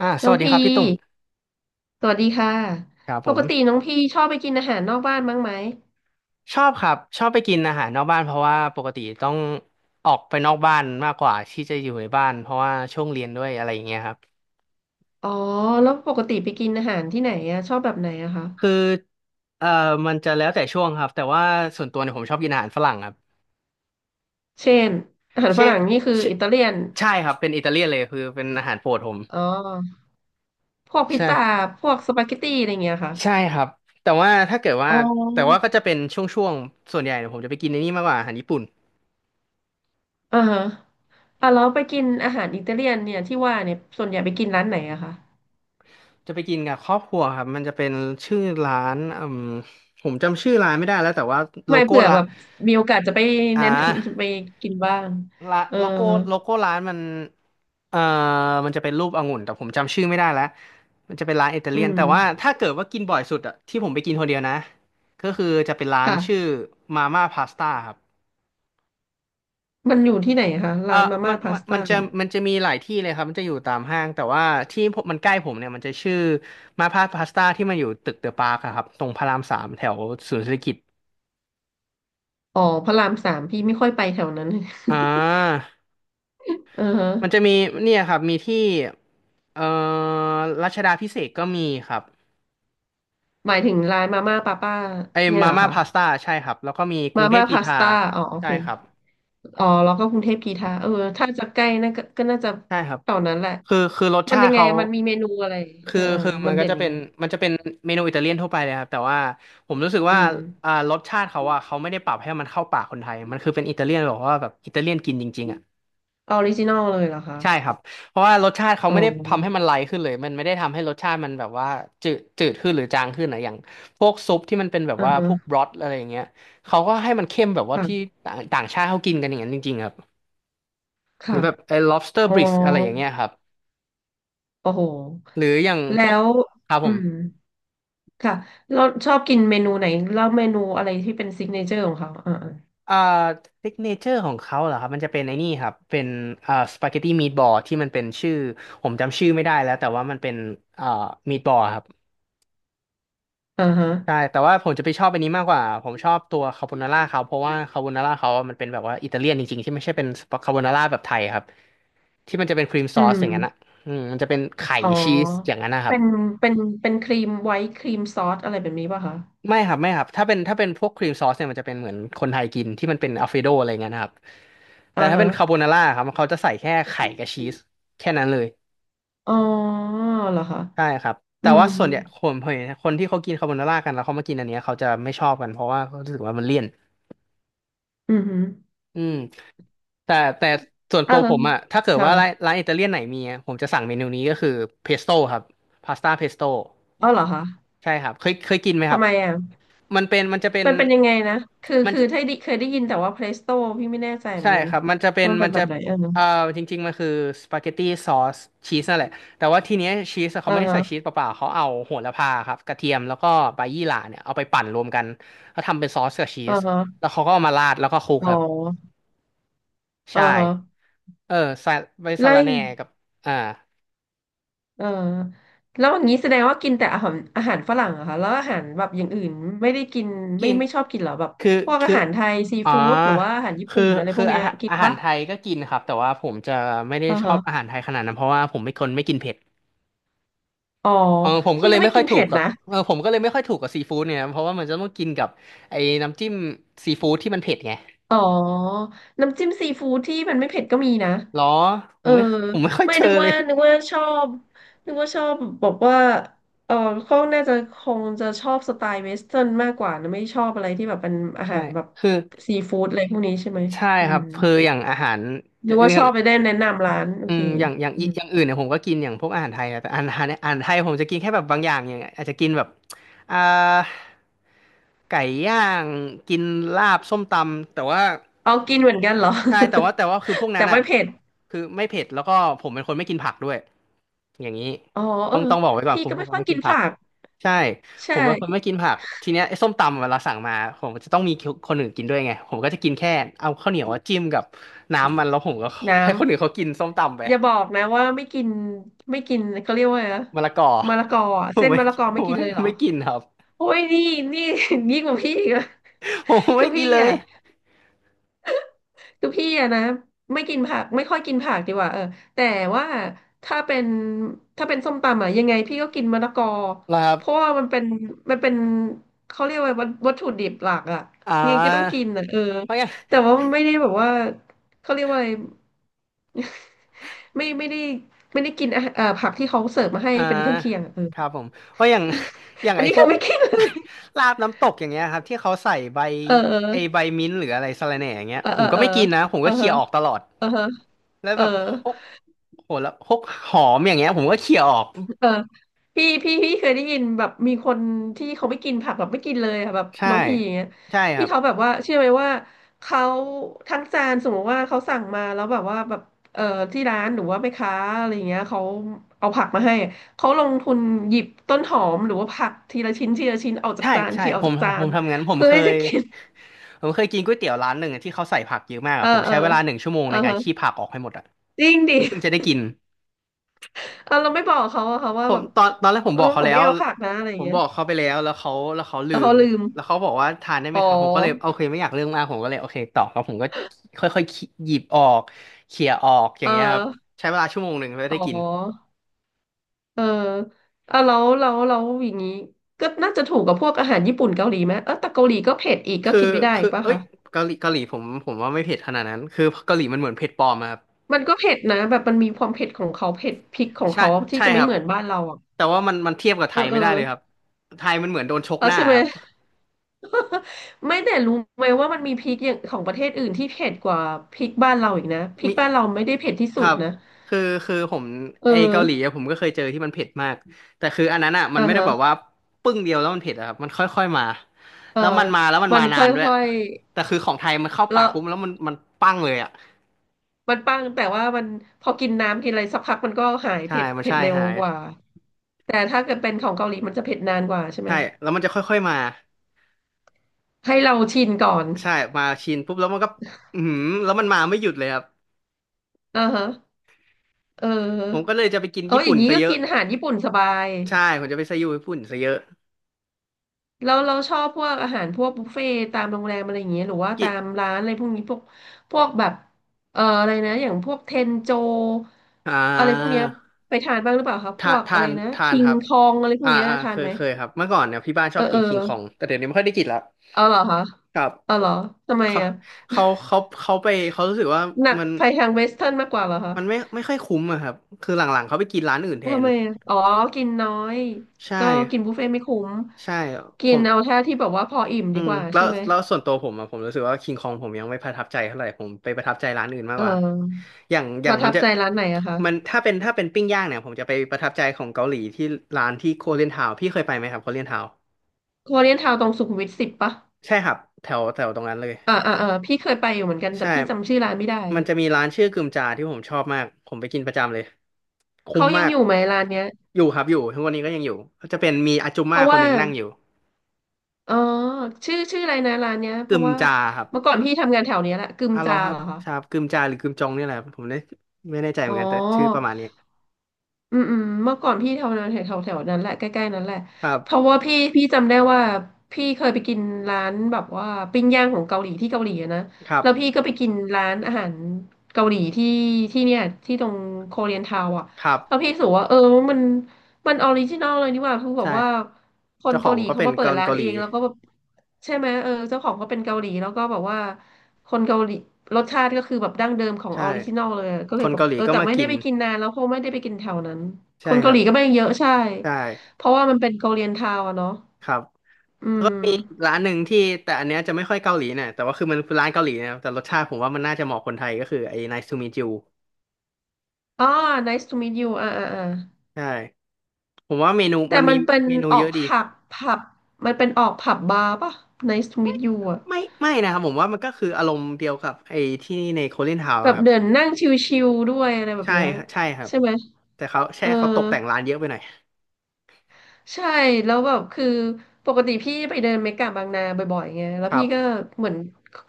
สน้องวัสดีคพีรับพี่ตุ่มสวัสดีค่ะครับปผกติมน้องพีชอบไปกินอาหารนอกบ้านบ้างไหมชอบครับชอบไปกินอาหารนอกบ้านเพราะว่าปกติต้องออกไปนอกบ้านมากกว่าที่จะอยู่ในบ้านเพราะว่าช่วงเรียนด้วยอะไรอย่างเงี้ยครับอ๋อแล้วปกติไปกินอาหารที่ไหนอะชอบแบบไหนอะคะคือเอ่อมันจะแล้วแต่ช่วงครับแต่ว่าส่วนตัวเนี่ยผมชอบกินอาหารฝรั่งครับเช่นอาหารเชฝรั่งนี่คือเชอิตาเลียนใช่ครับเป็นอิตาเลียนเลยคือเป็นอาหารโปรดผมอ๋อพวกพิซซ่าใช่พวกสปาเกตตี้อะไรเงี้ยค่ะใช่ครับแต่ว่าถ้าเกิดว่าอ๋แต่ว่าอก็จะเป็นช่วงๆส่วนใหญ่เนี่ยผมจะไปกินในนี่มากกว่าอาหารญี่ปุ่น อ่าฮะอ่ะแล้วไปกินอาหารอิตาเลียนเนี่ยที่ว่าเนี่ยส่วนใหญ่ไปกินร้านไหนอะคะจะไปกินกับครอบครัวครับมันจะเป็นชื่อร้านอืมผมจำชื่อร้านไม่ได้แล้วแต่ว่าโลไม่โก้เผื่อละแบบมีโอกาสจะไปอ่าเน้น จะไปกินบ้างละเออโลโก้โลโก้ร้านมันเอ่อมันจะเป็นรูปองุ่นแต่ผมจำชื่อไม่ได้แล้วมันจะเป็นร้านอิตาอืเลียนมแต่ว่าถ้าเกิดว่ากินบ่อยสุดอะที่ผมไปกินคนเดียวนะก็คือจะเป็นร้านค่ะชื่อมาม่าพาสต้าครับมันอยู่ที่ไหนคะเออร้านมามัม่านพามันสมัต้า นจะมันจะมีหลายที่เลยครับมันจะอยู่ตามห้างแต่ว่าที่ผมมันใกล้ผมเนี่ยมันจะชื่อมาพาพาสต้าที่มันอยู่ตึกเดอะปาร์คครับตรงพระรามสามแถวศูนย์เศรษฐกิจ อ๋อพระรามสามพี่ไม่ค่อยไปแถวนั้น อ่า เออฮะมันจะมีเนี่ยครับมีที่เอ่อรัชดาพิเศษกก็มีครับหมายถึงร้านมาม่าป้าป้าไอ้เนี่ยมาเหรอม่าคะพาสต้าใช่ครับแล้วก็มีกรุมางเทพม่าธีพาสทาต้าอ๋อโอใช่เคครับอ๋อแล้วก็กรุงเทพกีทาเออถ้าจะใกล้น่าก็ก็น่าจะใช่ครับแถวนั้นแหละคือรสมันชายัติงไงเขามันมีเมนูอะไรเอคืออเออคือมัมันนก็เด่นจะยัเป็งนไงมันจะเป็นเมนูอิตาเลียนทั่วไปเลยครับแต่ว่าผมรู้สึกอืว่ามรสชาติเขาอะเขาไม่ได้ปรับให้มันเข้าปากคนไทยมันคือเป็นอิตาเลียนแบบว่าแบบอิตาเลียนกินจริงๆอะ ออริจินอลเลยเหรอคะใช่ครับ เพราะว่ารสชาติเขาอ๋อไม่ได้ทำให้มันไลท์ขึ้นเลยมันไม่ได้ทำให้รสชาติมันแบบว่าจืดจืดขึ้นหรือจางขึ้นนะอย่างพวกซุปที่มันเป็นแบบอ่าว่าฮะพวกบรอทอะไรอย่างเงี้ยเขาก็ให้มันเข้มแบบว่าที่ค่ะต่างต่างชาติเขากินกันอย่างนั้นจริงๆครับ หรืค่ะอแบบไอ้ lobster อ๋อ bisque อะไรอย่างเงี้ยครับ โอ้โหหรืออย่างพแล้วกวครับอืผมมค่ะเราชอบกินเมนูไหนแล้วเมนูอะไรที่เป็นซิกเนเจอร์ของเขาอ่า อ่าซิกเนเจอร์ของเขาเหรอครับ มันจะเป็นไอ้นี่ครับเป็นสปาเกตตี้มีทบอลที่มันเป็นชื่อ ผมจำชื่อไม่ได้แล้วแต่ว่ามันเป็นอ่ามีทบอลครับ อ่าฮะใช่แต่ว่าผมจะไปชอบอันนี้มากกว่าผมชอบตัวคาโบนาร่าเขาเพราะว่าคาโบนาร่าเขาอะมันเป็นแบบว่าอิตาเลียนจริงๆที่ไม่ใช่เป็นคาโบนาร่าแบบไทยครับที่มันจะเป็นครีมซอือสมอย่างนั้นอ่ะอืมมันจะเป็นไข่อ๋อชีสอย่างนั้นนะครัเป็บนเป็นเป็นครีมไวท์ครีมซอสอะไรแบบนี้ป่ะคะไม่ครับไม่ครับถ้าเป็นพวกครีมซอสเนี่ยมันจะเป็นเหมือนคนไทยกินที่มันเป็นอัลเฟโดอะไรเงี้ยนะครับแต่อ่าถ้าฮะ เป็นคาโบนาร่าครับเขาจะใส่แค่ไข่กับชีสแค่นั้นเลยอ๋อเหรอคะใช่ครับอืแต่ว่ามส่วนใหญ่คนเห็นคนที่เขากินคาโบนาร่ากันแล้วเขามากินอันเนี้ยเขาจะไม่ชอบกันเพราะว่าเขารู้สึกว่ามันเลี่ยนอืมฮึอืม แต่แต่ส่วนอ่าตัวแล้ผวมอะถ้าเกิดว่าร้านค่ะร้านอิตาเลียนไหนมีอะผมจะสั่งเมนูนี้ก็คือเพสโต้ครับพาสต้าเพสโต้อ๋อเหรอคะใช่ครับเคยกินไหมคทำรับไมอ่ะมันเป็นมันจะเป็นมันเป็นยังไงนะ คือมันคือถ้าได้เคยได้ยินแต่ว่าเพลสโต้พี่ไม่แน่ใจเหมือใช่นกันครับมันจะเป็นว่ามันเป็มันนแบจะบไหนอ่ะนะเอ่อจริงๆมันคือสปาเกตตี้ซอสชีสนั่นแหละแต่ว่าทีเนี้ยชีสเขาอ่าไม่ได้ฮะใส่ชีสเปล่าๆเขาเอาโหระพาครับกระเทียมแล้วก็ใบยี่หร่าเนี่ยเอาไปปั่นรวมกันแล้วทำเป็นซอสกับชีอ่าสฮะ แล้วเขาก็เอามาราดแล้วก็คลุกอ๋อครับอ่าใช่ฮะเออใส่ใบสะไล่ ระแหน่กับอ่าเออแล้วอย่างนี้แสดงว่ากินแต่อาหารฝรั่งเหรอะคะแล้วอาหารแบบอย่างอื่นไม่ได้กินกิไม่น ไม่ชอบกินเหรอแบบคือพวกอาคือหารไทยซีอ๋อฟู้ดหรือว่าอาหารญี่คือปุ่นอะไรพคืวอกเนี้อายหารกินอาหาปะรไทยก็กินครับแต่ว่าผมจะไม่ได้เออชอฮะบอาหารไทยขนาดนั้นเพราะว่าผมเป็นคนไม่กินเผ็ดอ๋อเออผมก็พี่เลยก็ไม่ไม่ค่กิอยนถูเผ็กดกับนะเออผมก็เลยไม่ค่อยถูกกับซีฟู้ดเนี่ยเพราะว่ามันจะต้องกินกับไอ้น้ำจิ้มซีฟู้ดที่มันเผ็ดไงอ๋อน้ำจิ้มซีฟู้ดที่มันไม่เผ็ดก็มีนะหรอผเออมไม่ผมไม่ค่อยไม่เจอนึกเลว่ายนึกว่าชอบนึกว่าชอบบอกว่าเออเขาน่าจะคงจะชอบสไตล์เวสเทิร์นมากกว่านะไม่ชอบอะไรที่แบบเป็นอาใช่หารแบบคือซีฟู้ดอะไรพวกนี้ใช่ไหมใช่อืครัม บคืออย่างอาหาร หรือว่าชอบไปได้แนะนำร้านโอเคอืมอย่างอื่นเนี่ยผมก็กินอย่างพวกอาหารไทยนะแต่อาหารไทยผมจะกินแค่แบบบางอย่างอย่างอาจจะกินแบบอ่าไก่ย่างกินลาบส้มตำแต่ว่าเอากินเหมือนกันเหรอ ใช่แต่ว่าคือพวก นั้แต่นอ่ะไม่เผ็ดคือไม่เผ็ดแล้วก็ผมเป็นคนไม่กินผักด้วยอย่างนี้อ๋อเอต้อองต้องบอกไว้ก่อนพี่ผมก็ไม่ผมค่อยไม่กิกินนผักผักใช่ ใชผมเป็นคนไม่่กินผักทีเนี้ยไอ้ส้มตำเวลาสั่งมาผมจะต้องมีคนอื่นกินด้วยไงผมก็จะกินแค่เอาข้าวเหนียวอะจิ้มกับน้ำมันแล้วผมก็น้ให้คนอื่นเขากินส้มตำไปำอย่าบอกนะว่าไม่กินไม่กินเขาเรียกว่าไงนะมะละกอมะละกออะผเส้มนไม่มะละกอผไม่มกินไม่เลยเหรอไม่กินครับโอ้ยนี่นี่ ยิ่งกว่าพี่อีกอะ ผม คืไม่อกิพี่นเลอ่ะ ยคือพี่อะนะไม่กินผักไม่ค่อยกินผักดีกว่าเออแต่ว่าถ้าเป็นส้มตำอะยังไงพี่ก็กินมะละกอนะครับเพราะว่ามันเป็นมันเป็นเขาเรียกว่าวัตถุดิบหลักอะอ่ยังไงก็ต้องกิานอะเออเพราะอย่างแต่ว่าไม่ได้แบบว่าเขาเรียกว่าอะไร ไม่ไม่ได้ไม่ได้กินอาหารผักที่เขาเสิร์ฟมาให้อ่าเป็นเครื่องเคียงอะเออครับผมเพราะอย่างอย่างอันไอ้นี้พคืวอก ไม่กินเลย ลาบน้ำตกอย่างเงี้ยครับที่เขาใส่ใบ เไอ้อใบอมิ้นท์หรืออะไรสะระแหน่อย่างเงี้ยเออผเออมก็เออไม่กินนะผมเอก็อเคลียร์ออกตลอดเออเออแล้วเออ แบบพวก โหแล้วพวกหอมอย่างเงี้ยผมก็เขี่ยออกเออพี่เคยได้ยินแบบมีคนที่เขาไม่กินผักแบบไม่กินเลยอะแบบใช่น้องพีอย่างเงี้ยใช่คที่รับเขาแบบว่าเชื่อไหมว่าเขาทั้งจานสมมติว่าเขาสั่งมาแล้วแบบว่าแบบเออที่ร้านหรือว่าแม่ค้าอะไรอย่างเงี้ยเขาเอาผักมาให้อะเขาลงทุนหยิบต้นหอมหรือว่าผักทีละชิ้นทีละชิ้นออกจากใช่จานใช่เขี่ยอผอกมจากจาผนมทำงั้นผมเพื่อเคให้จะยกิน ผมเคยกินก๋วยเตี๋ยวร้านหนึ่งอะที่เขาใส่ผักเยอะมาก เออะอผมเอใช้อเวลาหนึ่งชั่วโมงเออในการฮะขี้ผักออกให้หมดอ่ะจริงดิเพิ่งจะได้กินเออเราไม่บอกเขาอะค่ะว่าผแบมบตอนแรกผมเอบออกเขาผมแล้ไม่วเอาผักนะอะไรอผย่างมเงี้บยอกเขาไปแล้วแล้วเขาลืแล้วเขามลืมแล้วเขาบอกว่าทานได้ไหมอ๋ครับผมก็เลยโออเคไม่อยากเรื่องมากผมก็เลยโอเคต่อแล้วผมก็ค่อยๆหยิบออกเขี่ยออกอย่าเออ งเงี้ยครับใช้เวลาชั่วโมงหนึ่งเพื่ออ๋ได้กิน อ เออแล้วอย่างนี้ก็น่าจะถูกกับพวกอาหารญี่ปุ่นเกาหลีไหมเออแต่เกาหลีก็เผ็ดอีกก็คืกิอนไม่ได้อีคือกป่ะเอ้ยคะ เกาหลีผมว่าไม่เผ็ดขนาดนั้นคือเกาหลีมันเหมือนเผ็ดปลอมอะครับมันก็เผ็ดนะ แบบมันมีความเผ็ดของเขา เผ็ดพริกของใช่เขาที่ใช่จะคไม่รับเหมือนบ้านเราอ่ะแต่ว่ามันเทียบกับไทเออยเอไม่อได้เลยครับไทยมันเหมือนโดนชกเออหน้าใช่ไหม ครับ ไม่แต่รู้ไหมว่ามันมีพริกอย่างของประเทศอื่นที่เผ็ดกว่าพริกบ้านเราอีกนะพริมีกบ้านเราไม่ได้เผ็ดที่คสุรัดบนะคือคือผมเอไออเกาหลีอะผมก็เคยเจอที่มันเผ็ดมากแต่คืออันนั้นอะมันอ่าไม่ได้ฮะแบบว่าปึ้งเดียวแล้วมันเผ็ดอะครับมันค่อยๆมาเออแล้วมันมาแล้วมันมันมานานด้วยค่อยแต่คือของไทยมันเข้าๆปาแล้กว ปุ๊บแล้วมันปั้งเลยอะมันปังแต่ว่ามันพอกินน้ำกินอะไรสักพักมันก็หายใช่เผ็ดมันเผ็ดใช่เร็วหายกว่าแต่ถ้าเกิดเป็นของเกาหลีมันจะเผ็ดนานกว่าใช่ไหมใช่แล้วมันจะค่อยๆมา ให้เราชินก่อนใช่มาชินปุ๊บแล้วมันก็อือหือแล้วมันมาไม่หยุดเลยครับอ่าฮะเผมออก็เลยจะไปกินเอญี่ออปุ่ย่านงนี้ซะก็เยอะกินอาหารญี่ปุ่นสบายใช่ผมจะไปซะอยู่ญี่ปุ่นซะเยอะเราชอบพวกอาหารพวกบุฟเฟ่ต์ตามโรงแรมอะไรอย่างเงี้ยหรือว่ากิตามร้านอะไรพวกนี้พวกพวกแบบอะไรนะอย่างพวกเทนโจอ่อะไรพวกเนี้ายไปทานบ้างหรือเปล่าครับพวกอะไรนะทานคิคงรับคองอะไรพวกเนี้ยทาเคนยไหมเคยครับเมื่อก่อนเนี่ยพี่บ้านชเอออบกิเออ นคิงคองแต่เดี๋ยวนี้ไม่ค่อยได้กินละเอาเหรอคะ ครับเอาเหรอ ทำไมเขาอ่ะ เขาไปเขารู้สึกว่าหนักมันไปทางเวสเทิร์นมากกว่าเหรอคะ มันไม่ค่อยคุ้มอะครับคือหลังๆเขาไปกินร้านอื่นแททำนไมอะอ๋อ กินน้อย ใช่ก็กินบุฟเฟ่ต์ไม่คุ้ม ใช่ผกินม เอาแค่ที่แบบว่าพออิ่มอืดีมกว่าแล้ใช่วไหม แล้วส่วนตัวผมอะผมรู้สึกว่าคิงคองผมยังไม่ประทับใจเท่าไหร่ผมไปประทับใจร้านอื่นมากเอกว่าอ อย่างอปย่างระมัทันบจะใจร้านไหนอะคะ มันถ้าเป็นปิ้งย่างเนี่ยผมจะไปประทับใจของเกาหลีที่ร้านที่โคเรียนทาวพี่เคยไปไหมครับโคเรียนทาวโคเรียนทาวน์ตรงสุขุมวิท 10ปะใช่ครับแถวแถวตรงนั้นเลยอ่าอ่าอ่าพี่เคยไปอยู่เหมือนกันแต่ใช่พี่จำชื่อร้านไม่ได้ มันจะมีร้านชื่อกึมจาที่ผมชอบมากผมไปกินประจำเลยคุ้เขามยัมางกอยู่ไหมร้านเนี้ยอยู่ครับอยู่ทุกวันนี้ก็ยังอยู่ก็จะเป็นมีอาจุมเพม่าราะคนว่าหนึ่งนั่งอยู่อ๋อชื่อชื่ออะไรนะร้านเนี้ยเพกึราะมว่าจาครับ เมื่อก่อนพี่ทำงานแถวเนี้ยแหละกึมอ่ะรอจาครัเหบรอคะชาบกึมจาหรือกึมจองเนี่ยแหละครับผมได้ไม่แน่ใจเหอ๋มือ อนกันแต่ชื่อประมาณนี้อืมอืมเมื่อก่อนพี่แถวนั้นแถวแถวนั้นแหละใกล้ๆนั้นแหละครับเพราะว่าพี่จำได้ว่าพี่เคยไปกินร้านแบบว่าปิ้งย่างของเกาหลีที่เกาหลีอะนะครับแล้วพี่ก็ไปกินร้านอาหารเกาหลีที่ที่เนี่ยที่ตรงโคเรียนทาวน์อ่ะครัแล้วบพี่รู้สึกว่าเออมันมันออริจินอลเลยนี่หว่าคือแบใช่บว่าคนเจ้าขอเกางหลีก็เขาเป็นมาเปิคดนร้านเกาหเอลีงแล้วก็แบบใช่ไหมเออเจ้าของก็เป็นเกาหลีแล้วก็แบบว่า คนเกาหลีรสชาติก็คือแบบดั้งเดิมของใช่ออริจินอลเลยอะก็คเลยนแบบเกาหลีเออก็แต่มาไม่กิได้นไปกินนานแล้วเพราะไม่ได้ไปกินแถวนั้นคใช่นคเการัหบลีก็ไม่เยอะใช่ใช่เพราะว่ามันเป็นเกาหลีทาวน์อะเนาะครับอืแล้วก็มมีร้านหนึ่งที่แต่อันเนี้ยจะไม่ค่อยเกาหลีนะแต่ว่าคือมันคือร้านเกาหลีนะครับแต่รสชาติผมว่ามันน่าจะเหมาะคนไทยก็คือไอ้ Nice to meet you อ๋อ nice to meet you อ่าอ่าอ่าใช่ผมว่าเมนูแต่มันมีมันเป็นเมนูอเยอกอะดีผับผับมันเป็นออกผับบาร์ป่ะ nice to meet you อะไม่ไม่นะครับผมว่ามันก็คืออารมณ์เดียวกับไอ้ที่ในโคลินทาวน์ แบบเดินนั่งชิลๆด้วยอะไรแบบใช่เนี้ยฮะใช่ครับใช่ไหมแต่เขาเอแช่อ เขาตกแต่งร้านเยอะไปหน่อยใช่แล้วแบบคือปกติพี่ไปเดินเมกะบางนาบ่อยๆไงแล้ควรัพี่บก็เหมือน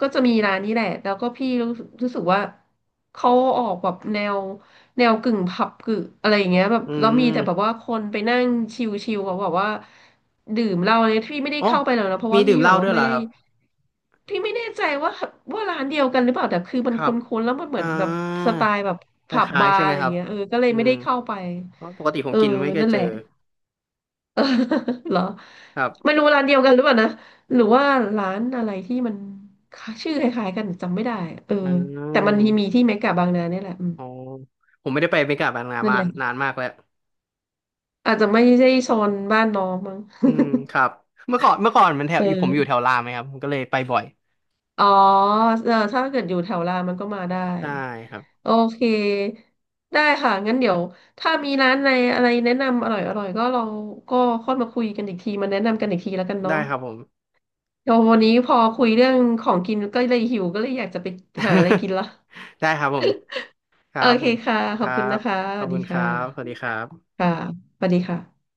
ก็จะมีร้านนี้แหละแล้วก็พี่รู้สึกว่าเขาออกแบบแนวแนวกึ่งผับกึ่งอะไรอย่างเงี้ยแบบอืแล้วมีแต่แบบมว่าคนไปนั่งชิลๆเขาแบบว่าดื่มเหล้าเนี่ยพี่ไม่ได้โอ้เข้าไปหรอกนะเพราะมีว่าดื่พี่มเหแบล้าบด้ว่าวยเหไม่รอได้ครับพี่ไม่แน่ใจว่าร้านเดียวกันหรือเปล่าแต่คือมัคนรัคุบ้นๆแล้วมันเหอ่มือนแบบสาไตล์แบบคผับล้ายบาๆใช่ร์ไหอะมไรคอย่ารังบเงี้ยเออก็เลยอืไม่มได้เข้าไปเพราะปกติผเอมอกินไม่เคยนั่นเจแหอละ เออเหรอครัไม่บรู้ร้านเดียวกันหรือเปล่านะหรือว่าร้านอะไรที่มันชื่อคล้ายๆกันจำไม่ได้อะเอออืแต่มันมีมที่เมกะบางนาเนี่ยแหละอืมอ๋อผมไม่ได้ไปเมกาบางนานั่นมาแหละนานมากแล้วอาจจะไม่ใช่โซนบ้านน้องมั้ง อืมครับเมื่อก่อนมันแถ วอยู่ผมอยู่เออแถวรามไหมครับผมก็เลยไปบ่อยอ๋อเออถ้าเกิดอยู่แถวรามมันก็มาได้ได้ครับโอเคได้ค่ะงั้นเดี๋ยวถ้ามีร้านในอะไรแนะนำอร่อยๆก็เราก็ค่อยมาคุยกันอีกทีมาแนะนำกันอีกทีแล้วกันเนาะ ได้ครับผม โอ้วันนี้พอคุยเรื่องของกินก็เลยหิวก็เลยอยากจะไปหาอะไรกินละ ได้ครับผมครัโอบเคผมค่ะคขอรับคุณบนะคะสขอบวัสดีคุณครัค่ะบสวัสดีครับค่ะสวัสดีค่ะ